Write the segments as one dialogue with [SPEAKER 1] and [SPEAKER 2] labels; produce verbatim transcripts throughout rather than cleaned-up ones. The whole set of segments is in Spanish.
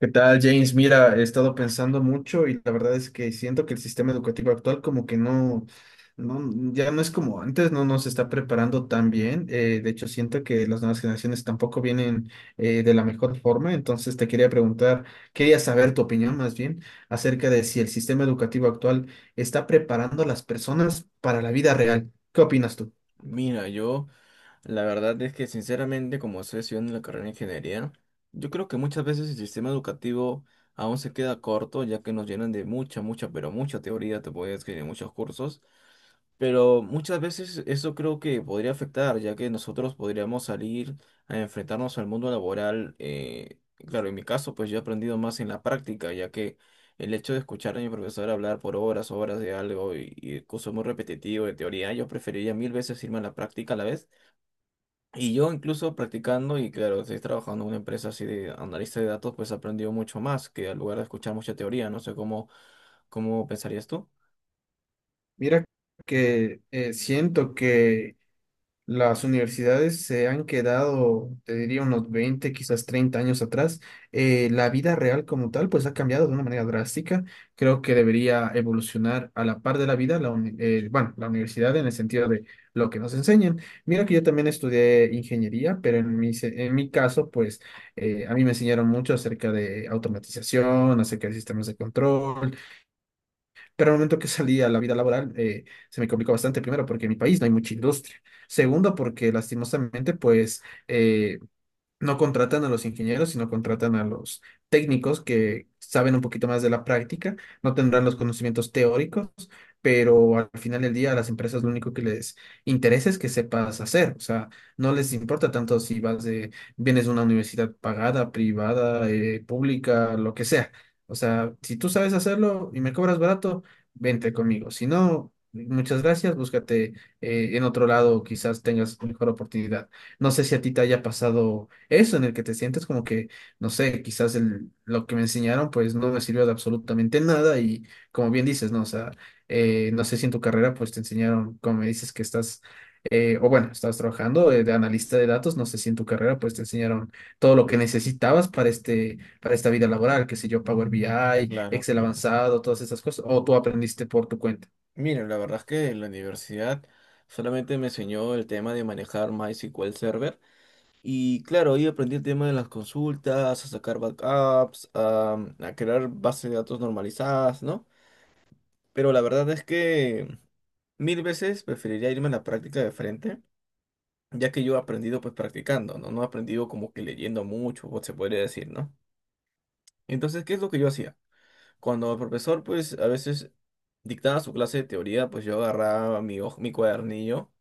[SPEAKER 1] ¿Qué tal, James? Mira, he estado pensando mucho y la verdad es que siento que el sistema educativo actual como que no, no ya no es como antes, no nos está preparando tan bien. Eh, de hecho, siento que las nuevas generaciones tampoco vienen eh, de la mejor forma. Entonces, te quería preguntar, quería saber tu opinión más bien acerca de si el sistema educativo actual está preparando a las personas para la vida real. ¿Qué opinas tú?
[SPEAKER 2] Mira, yo la verdad es que sinceramente, como estoy estudiando la carrera de ingeniería, yo creo que muchas veces el sistema educativo aún se queda corto, ya que nos llenan de mucha, mucha, pero mucha teoría, te puedes escribir muchos cursos, pero muchas veces eso creo que podría afectar, ya que nosotros podríamos salir a enfrentarnos al mundo laboral. Eh, claro, en mi caso, pues yo he aprendido más en la práctica, ya que el hecho de escuchar a mi profesor hablar por horas, horas de algo y, y el curso es muy repetitivo de teoría, yo preferiría mil veces irme a la práctica a la vez. Y yo incluso practicando, y claro, estoy trabajando en una empresa así de analista de datos, pues he aprendido mucho más que al lugar de escuchar mucha teoría. No sé cómo, ¿Cómo pensarías tú?
[SPEAKER 1] Mira que eh, siento que las universidades se han quedado, te diría, unos veinte quizás treinta años atrás. Eh, la vida real como tal, pues ha cambiado de una manera drástica. Creo que debería evolucionar a la par de la vida, la uni- eh, bueno, la universidad en el sentido de lo que nos enseñan. Mira que yo también estudié ingeniería, pero en mi, se- en mi caso, pues eh, a mí me enseñaron mucho acerca de automatización, acerca de sistemas de control, pero al momento que salí a la vida laboral, eh, se me complicó bastante, primero, porque en mi país no hay mucha industria. Segundo, porque lastimosamente, pues, eh, no contratan a los ingenieros, sino contratan a los técnicos que saben un poquito más de la práctica, no tendrán los conocimientos teóricos, pero al final del día a las empresas lo único que les interesa es que sepas hacer, o sea, no les importa tanto si vas de, vienes de una universidad pagada, privada, eh, pública, lo que sea. O sea, si tú sabes hacerlo y me cobras barato, vente conmigo. Si no, muchas gracias, búscate eh, en otro lado, quizás tengas mejor oportunidad. No sé si a ti te haya pasado eso, en el que te sientes como que, no sé, quizás el- lo que me enseñaron pues no me sirvió de absolutamente nada y como bien dices, ¿no? O sea, eh, no sé si en tu carrera pues te enseñaron, como me dices que estás, eh, o bueno, estás trabajando eh, de analista de datos, no sé si en tu carrera pues te enseñaron todo lo que necesitabas para este, para esta vida laboral, qué sé yo, Power B I,
[SPEAKER 2] Claro,
[SPEAKER 1] Excel
[SPEAKER 2] claro.
[SPEAKER 1] avanzado, todas esas cosas, o tú aprendiste por tu cuenta.
[SPEAKER 2] Miren, la verdad es que en la universidad solamente me enseñó el tema de manejar MySQL Server y claro, ahí aprendí el tema de las consultas, a sacar backups, a, mm, a crear bases de datos normalizadas, ¿no? Pero la verdad es que mil veces preferiría irme a la práctica de frente, ya que yo he aprendido pues practicando, ¿no? No he aprendido como que leyendo mucho, o se podría decir, ¿no? Entonces, ¿qué es lo que yo hacía? Cuando el profesor pues a veces dictaba su clase de teoría, pues yo agarraba mi, hoj- mi cuadernillo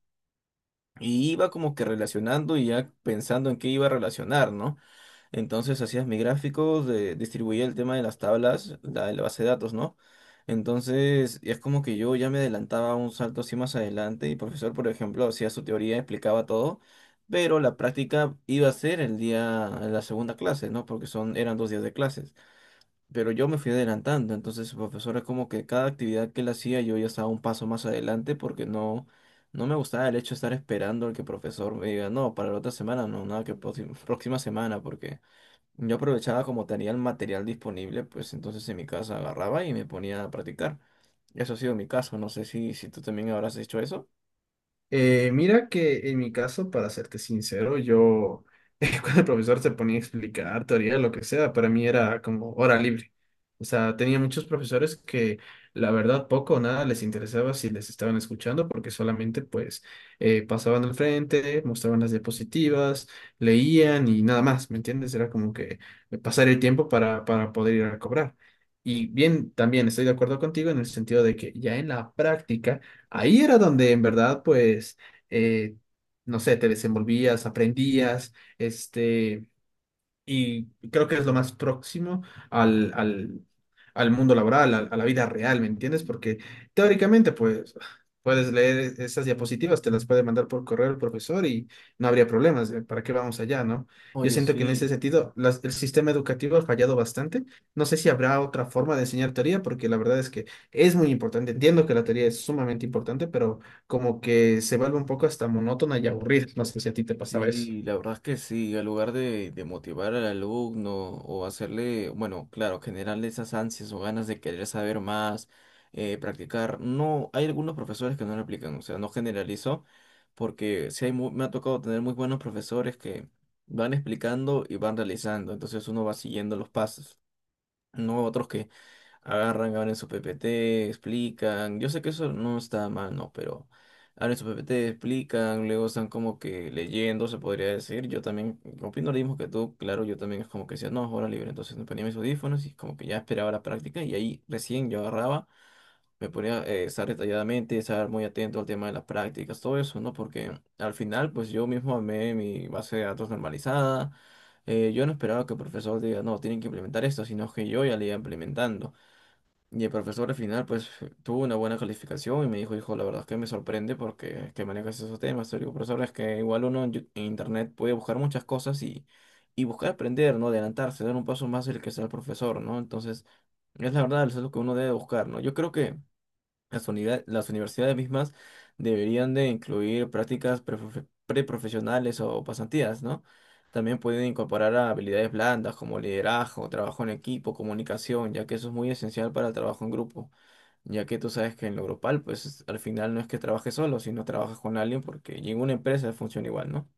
[SPEAKER 2] Y iba como que relacionando y ya pensando en qué iba a relacionar, ¿no? Entonces hacías mi gráfico, de- distribuía el tema de las tablas, la, de la base de datos, ¿no? Entonces es como que yo ya me adelantaba un salto así más adelante y el profesor, por ejemplo, hacía su teoría, explicaba todo, pero la práctica iba a ser el día, en la segunda clase, ¿no? Porque son, eran dos días de clases, pero yo me fui adelantando, entonces su profesora como que cada actividad que él hacía yo ya estaba un paso más adelante porque no, no me gustaba el hecho de estar esperando al que el profesor me diga, no, para la otra semana, no, nada, que próxima, próxima semana, porque yo aprovechaba como tenía el material disponible, pues entonces en mi casa agarraba y me ponía a practicar. Eso ha sido mi caso, no sé si, si tú también habrás hecho eso.
[SPEAKER 1] Eh, mira que en mi caso, para serte sincero, yo eh, cuando el profesor se ponía a explicar teoría, lo que sea, para mí era como hora libre. O sea, tenía muchos profesores que la verdad poco o nada les interesaba si les estaban escuchando porque solamente pues eh, pasaban al frente, mostraban las diapositivas, leían y nada más, ¿me entiendes? Era como que pasar el tiempo para, para poder ir a cobrar. Y bien, también estoy de acuerdo contigo en el sentido de que ya en la práctica, ahí era donde en verdad, pues, eh, no sé, te desenvolvías, aprendías, este y creo que es lo más próximo al, al, al mundo laboral, al- a, la vida real, ¿me entiendes? Porque teóricamente, pues, puedes leer esas diapositivas, te las puede mandar por correo el profesor y no habría problemas. ¿Eh? ¿Para qué vamos allá, no? Yo
[SPEAKER 2] Oye,
[SPEAKER 1] siento que en ese
[SPEAKER 2] sí.
[SPEAKER 1] sentido las- el sistema educativo ha fallado bastante. No sé si habrá otra forma de enseñar teoría, porque la verdad es que es muy importante. Entiendo que la teoría es sumamente importante, pero como que se vuelve un poco hasta monótona y aburrida. No sé si a ti te pasaba eso.
[SPEAKER 2] Sí, la verdad es que sí, al lugar de, de motivar al alumno o hacerle, bueno, claro, generarle esas ansias o ganas de querer saber más, eh, practicar, no, hay algunos profesores que no lo aplican, o sea, no generalizo, porque sí hay mu- me ha tocado tener muy buenos profesores que van explicando y van realizando, entonces uno va siguiendo los pasos, no otros que agarran, abren su P P T, explican. Yo sé que eso no está mal, no, pero abren su P P T, explican, luego están como que leyendo, se podría decir. Yo también opino lo mismo que tú, claro, yo también es como que decía, no, hora libre. Entonces me ponía mis audífonos y como que ya esperaba la práctica y ahí recién yo agarraba, me ponía eh, estar detalladamente, estar muy atento al tema de las prácticas, todo eso, ¿no? Porque al final, pues yo mismo armé mi base de datos normalizada. Eh, yo no esperaba que el profesor diga, no, tienen que implementar esto, sino que yo ya le iba implementando. Y el profesor al final, pues, tuvo una buena calificación y me dijo, hijo, la verdad es que me sorprende porque es que manejas esos temas. Le digo, profesor, es que igual uno en, Yu- en internet puede buscar muchas cosas y, y buscar aprender, ¿no? Adelantarse, dar un paso más el que sea el profesor, ¿no? Entonces, es la verdad, eso es lo que uno debe buscar, ¿no? Yo creo que las unidad- las universidades mismas deberían de incluir prácticas preprofe- preprofesionales o pasantías, ¿no? También pueden incorporar a habilidades blandas como liderazgo, trabajo en equipo, comunicación, ya que eso es muy esencial para el trabajo en grupo, ya que tú sabes que en lo grupal, pues es- al final no es que trabajes solo, sino trabajas con alguien porque ninguna empresa funciona igual, ¿no?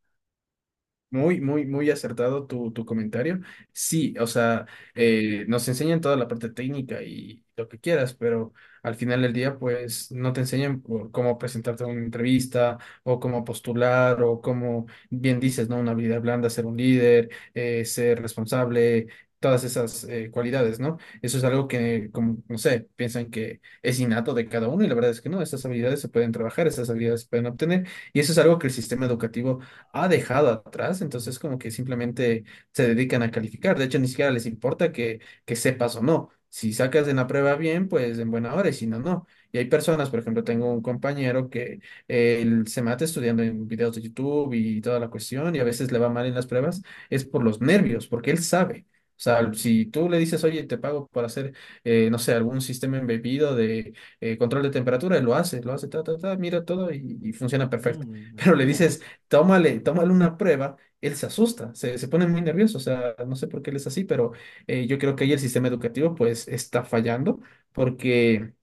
[SPEAKER 1] Muy, muy, muy acertado tu, tu comentario. Sí, o sea, eh, nos enseñan toda la parte técnica y lo que quieras, pero al final del día, pues no te enseñan por cómo presentarte a una entrevista o cómo postular o cómo, bien dices, ¿no? Una habilidad blanda, ser un líder, eh, ser responsable, todas esas eh, cualidades, ¿no? Eso es algo que, como, no sé, piensan que es innato de cada uno y la verdad es que no, esas habilidades se pueden trabajar, esas habilidades se pueden obtener y eso es algo que el sistema educativo ha dejado atrás, entonces como que simplemente se dedican a calificar. De hecho, ni siquiera les importa que, que sepas o no. Si sacas en la prueba bien, pues en buena hora, y si no, no. Y hay personas, por ejemplo, tengo un compañero que eh, él se mata estudiando en videos de YouTube y toda la cuestión, y a veces le va mal en las pruebas, es por los nervios, porque él sabe. O sea, si tú le dices, oye, te pago por hacer, eh, no sé, algún sistema embebido de eh, control de temperatura, él lo hace, lo hace, ta, ta, ta, mira todo y, y funciona perfecto.
[SPEAKER 2] Mm,
[SPEAKER 1] Pero le
[SPEAKER 2] mira,
[SPEAKER 1] dices, tómale, tómale una prueba, él se asusta, se, se pone muy nervioso, o sea, no sé por qué él es así, pero eh, yo creo que ahí el sistema educativo pues está fallando porque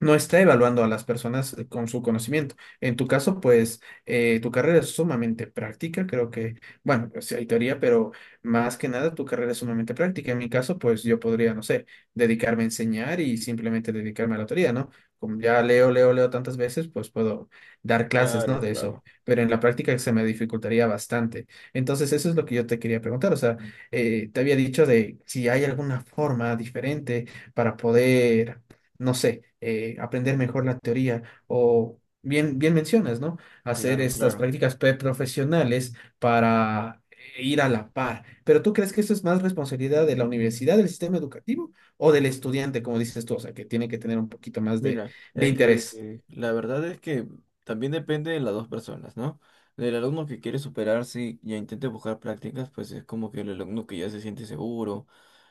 [SPEAKER 1] no está evaluando a las personas eh, con su conocimiento. En tu caso, pues eh, tu carrera es sumamente práctica, creo que, bueno, pues sí hay teoría, pero más que nada tu carrera es sumamente práctica. En mi caso, pues yo podría, no sé, dedicarme a enseñar y simplemente dedicarme a la teoría, ¿no? Como ya leo, leo, leo tantas veces, pues puedo dar clases,
[SPEAKER 2] claro,
[SPEAKER 1] ¿no? De eso.
[SPEAKER 2] claro,
[SPEAKER 1] Pero en la práctica se me dificultaría bastante. Entonces, eso es lo que yo te quería preguntar. O sea, eh, te había dicho de si hay alguna forma diferente para poder, no sé, eh, aprender mejor la teoría o... Bien, bien mencionas, ¿no? Hacer
[SPEAKER 2] claro,
[SPEAKER 1] estas
[SPEAKER 2] claro.
[SPEAKER 1] prácticas preprofesionales para ir a la par. Pero ¿tú crees que esto es más responsabilidad de la universidad, del sistema educativo o del estudiante, como dices tú? O sea, que tiene que tener un poquito más de,
[SPEAKER 2] Mira,
[SPEAKER 1] de
[SPEAKER 2] es que
[SPEAKER 1] interés.
[SPEAKER 2] eh, la verdad es que también depende de las dos personas, ¿no? Del alumno que quiere superarse y ya intente buscar prácticas, pues es como que el alumno que ya se siente seguro,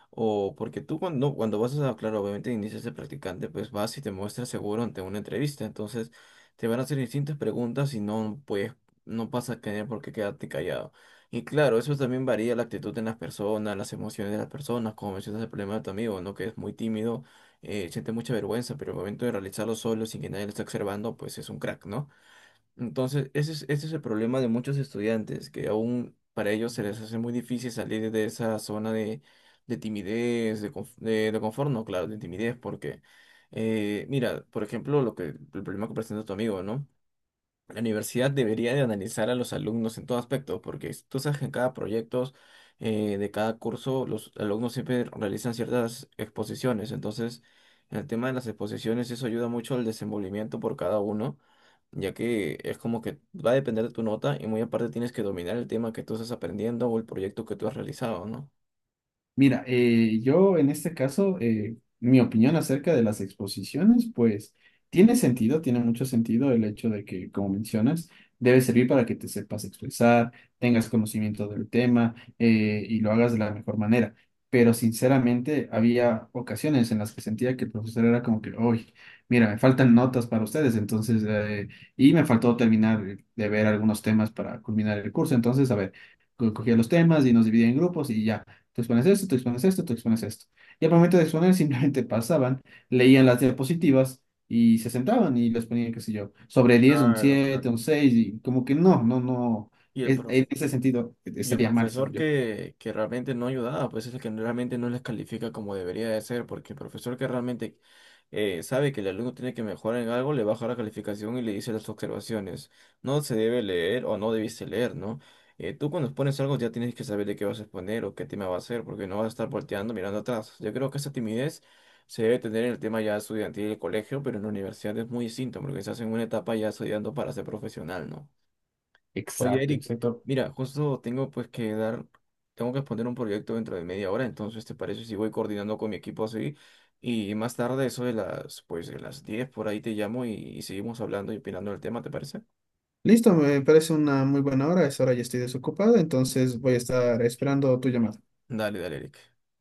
[SPEAKER 2] o porque tú cuando, cuando vas a, claro, obviamente inicias de practicante, pues vas y te muestras seguro ante una entrevista. Entonces te van a hacer distintas preguntas y no puedes, no pasa a tener por qué quedarte callado. Y claro, eso también varía la actitud en las personas, las emociones de las personas, como mencionas el problema de tu amigo, ¿no? Que es muy tímido, eh, siente mucha vergüenza, pero el momento de realizarlo solo, sin que nadie lo esté observando, pues es un crack, ¿no? Entonces, ese es, ese es el problema de muchos estudiantes, que aún para ellos se les hace muy difícil salir de esa zona de, de timidez, de, conf- de, de confort, no, claro, de timidez, porque, eh, mira, por ejemplo, lo que, el problema que presenta tu amigo, ¿no? La universidad debería de analizar a los alumnos en todo aspecto, porque s- tú sabes que en cada proyecto eh, de cada curso los alumnos siempre realizan ciertas exposiciones. Entonces, el tema de las exposiciones eso ayuda mucho al desenvolvimiento por cada uno, ya que es como que va a depender de tu nota y muy aparte tienes que dominar el tema que tú estás aprendiendo o el proyecto que tú has realizado, ¿no?
[SPEAKER 1] Mira, eh, yo en este caso, eh, mi opinión acerca de las exposiciones, pues tiene sentido, tiene mucho sentido el hecho de que, como mencionas, debe servir para que te sepas expresar, tengas conocimiento del tema eh, y lo hagas de la mejor manera. Pero sinceramente, había ocasiones en las que sentía que el profesor era como que, uy, mira, me faltan notas para ustedes, entonces, eh, y me faltó terminar de ver algunos temas para culminar el curso. Entonces, a ver, co- cogía los temas y nos dividía en grupos y ya. Tú expones esto, tú expones esto, tú expones esto. Y al momento de exponer, simplemente pasaban, leían las diapositivas y se sentaban y les ponían, qué sé yo, sobre diez un
[SPEAKER 2] Claro,
[SPEAKER 1] siete
[SPEAKER 2] claro.
[SPEAKER 1] un seis y como que no, no, no.
[SPEAKER 2] Y el
[SPEAKER 1] Es-
[SPEAKER 2] prof-
[SPEAKER 1] en ese sentido, eh,
[SPEAKER 2] Y el
[SPEAKER 1] estaría mal,
[SPEAKER 2] profesor
[SPEAKER 1] según yo.
[SPEAKER 2] que, que realmente no ayudaba, pues es el que realmente no les califica como debería de ser, porque el profesor que realmente eh, sabe que el alumno tiene que mejorar en algo, le baja la calificación y le dice las observaciones. No se debe leer o no debiste leer, ¿no? Eh, tú cuando expones algo ya tienes que saber de qué vas a exponer o qué tema va a ser, porque no vas a estar volteando mirando atrás. Yo creo que esa timidez se debe tener en el tema ya estudiantil del colegio, pero en la universidad es muy distinto, porque se hace en una etapa ya estudiando para ser profesional, ¿no? Oye,
[SPEAKER 1] Exacto,
[SPEAKER 2] Eric,
[SPEAKER 1] exacto.
[SPEAKER 2] mira, justo tengo pues que dar, tengo que exponer un proyecto dentro de media hora, entonces ¿te parece si voy coordinando con mi equipo así? Y más tarde, eso de las, pues de las diez por ahí te llamo y, y seguimos hablando y opinando del tema, ¿te parece?
[SPEAKER 1] Listo, me parece una muy buena hora. A esa hora ya estoy desocupado, entonces voy a estar esperando tu llamada.
[SPEAKER 2] Dale, dale, Eric.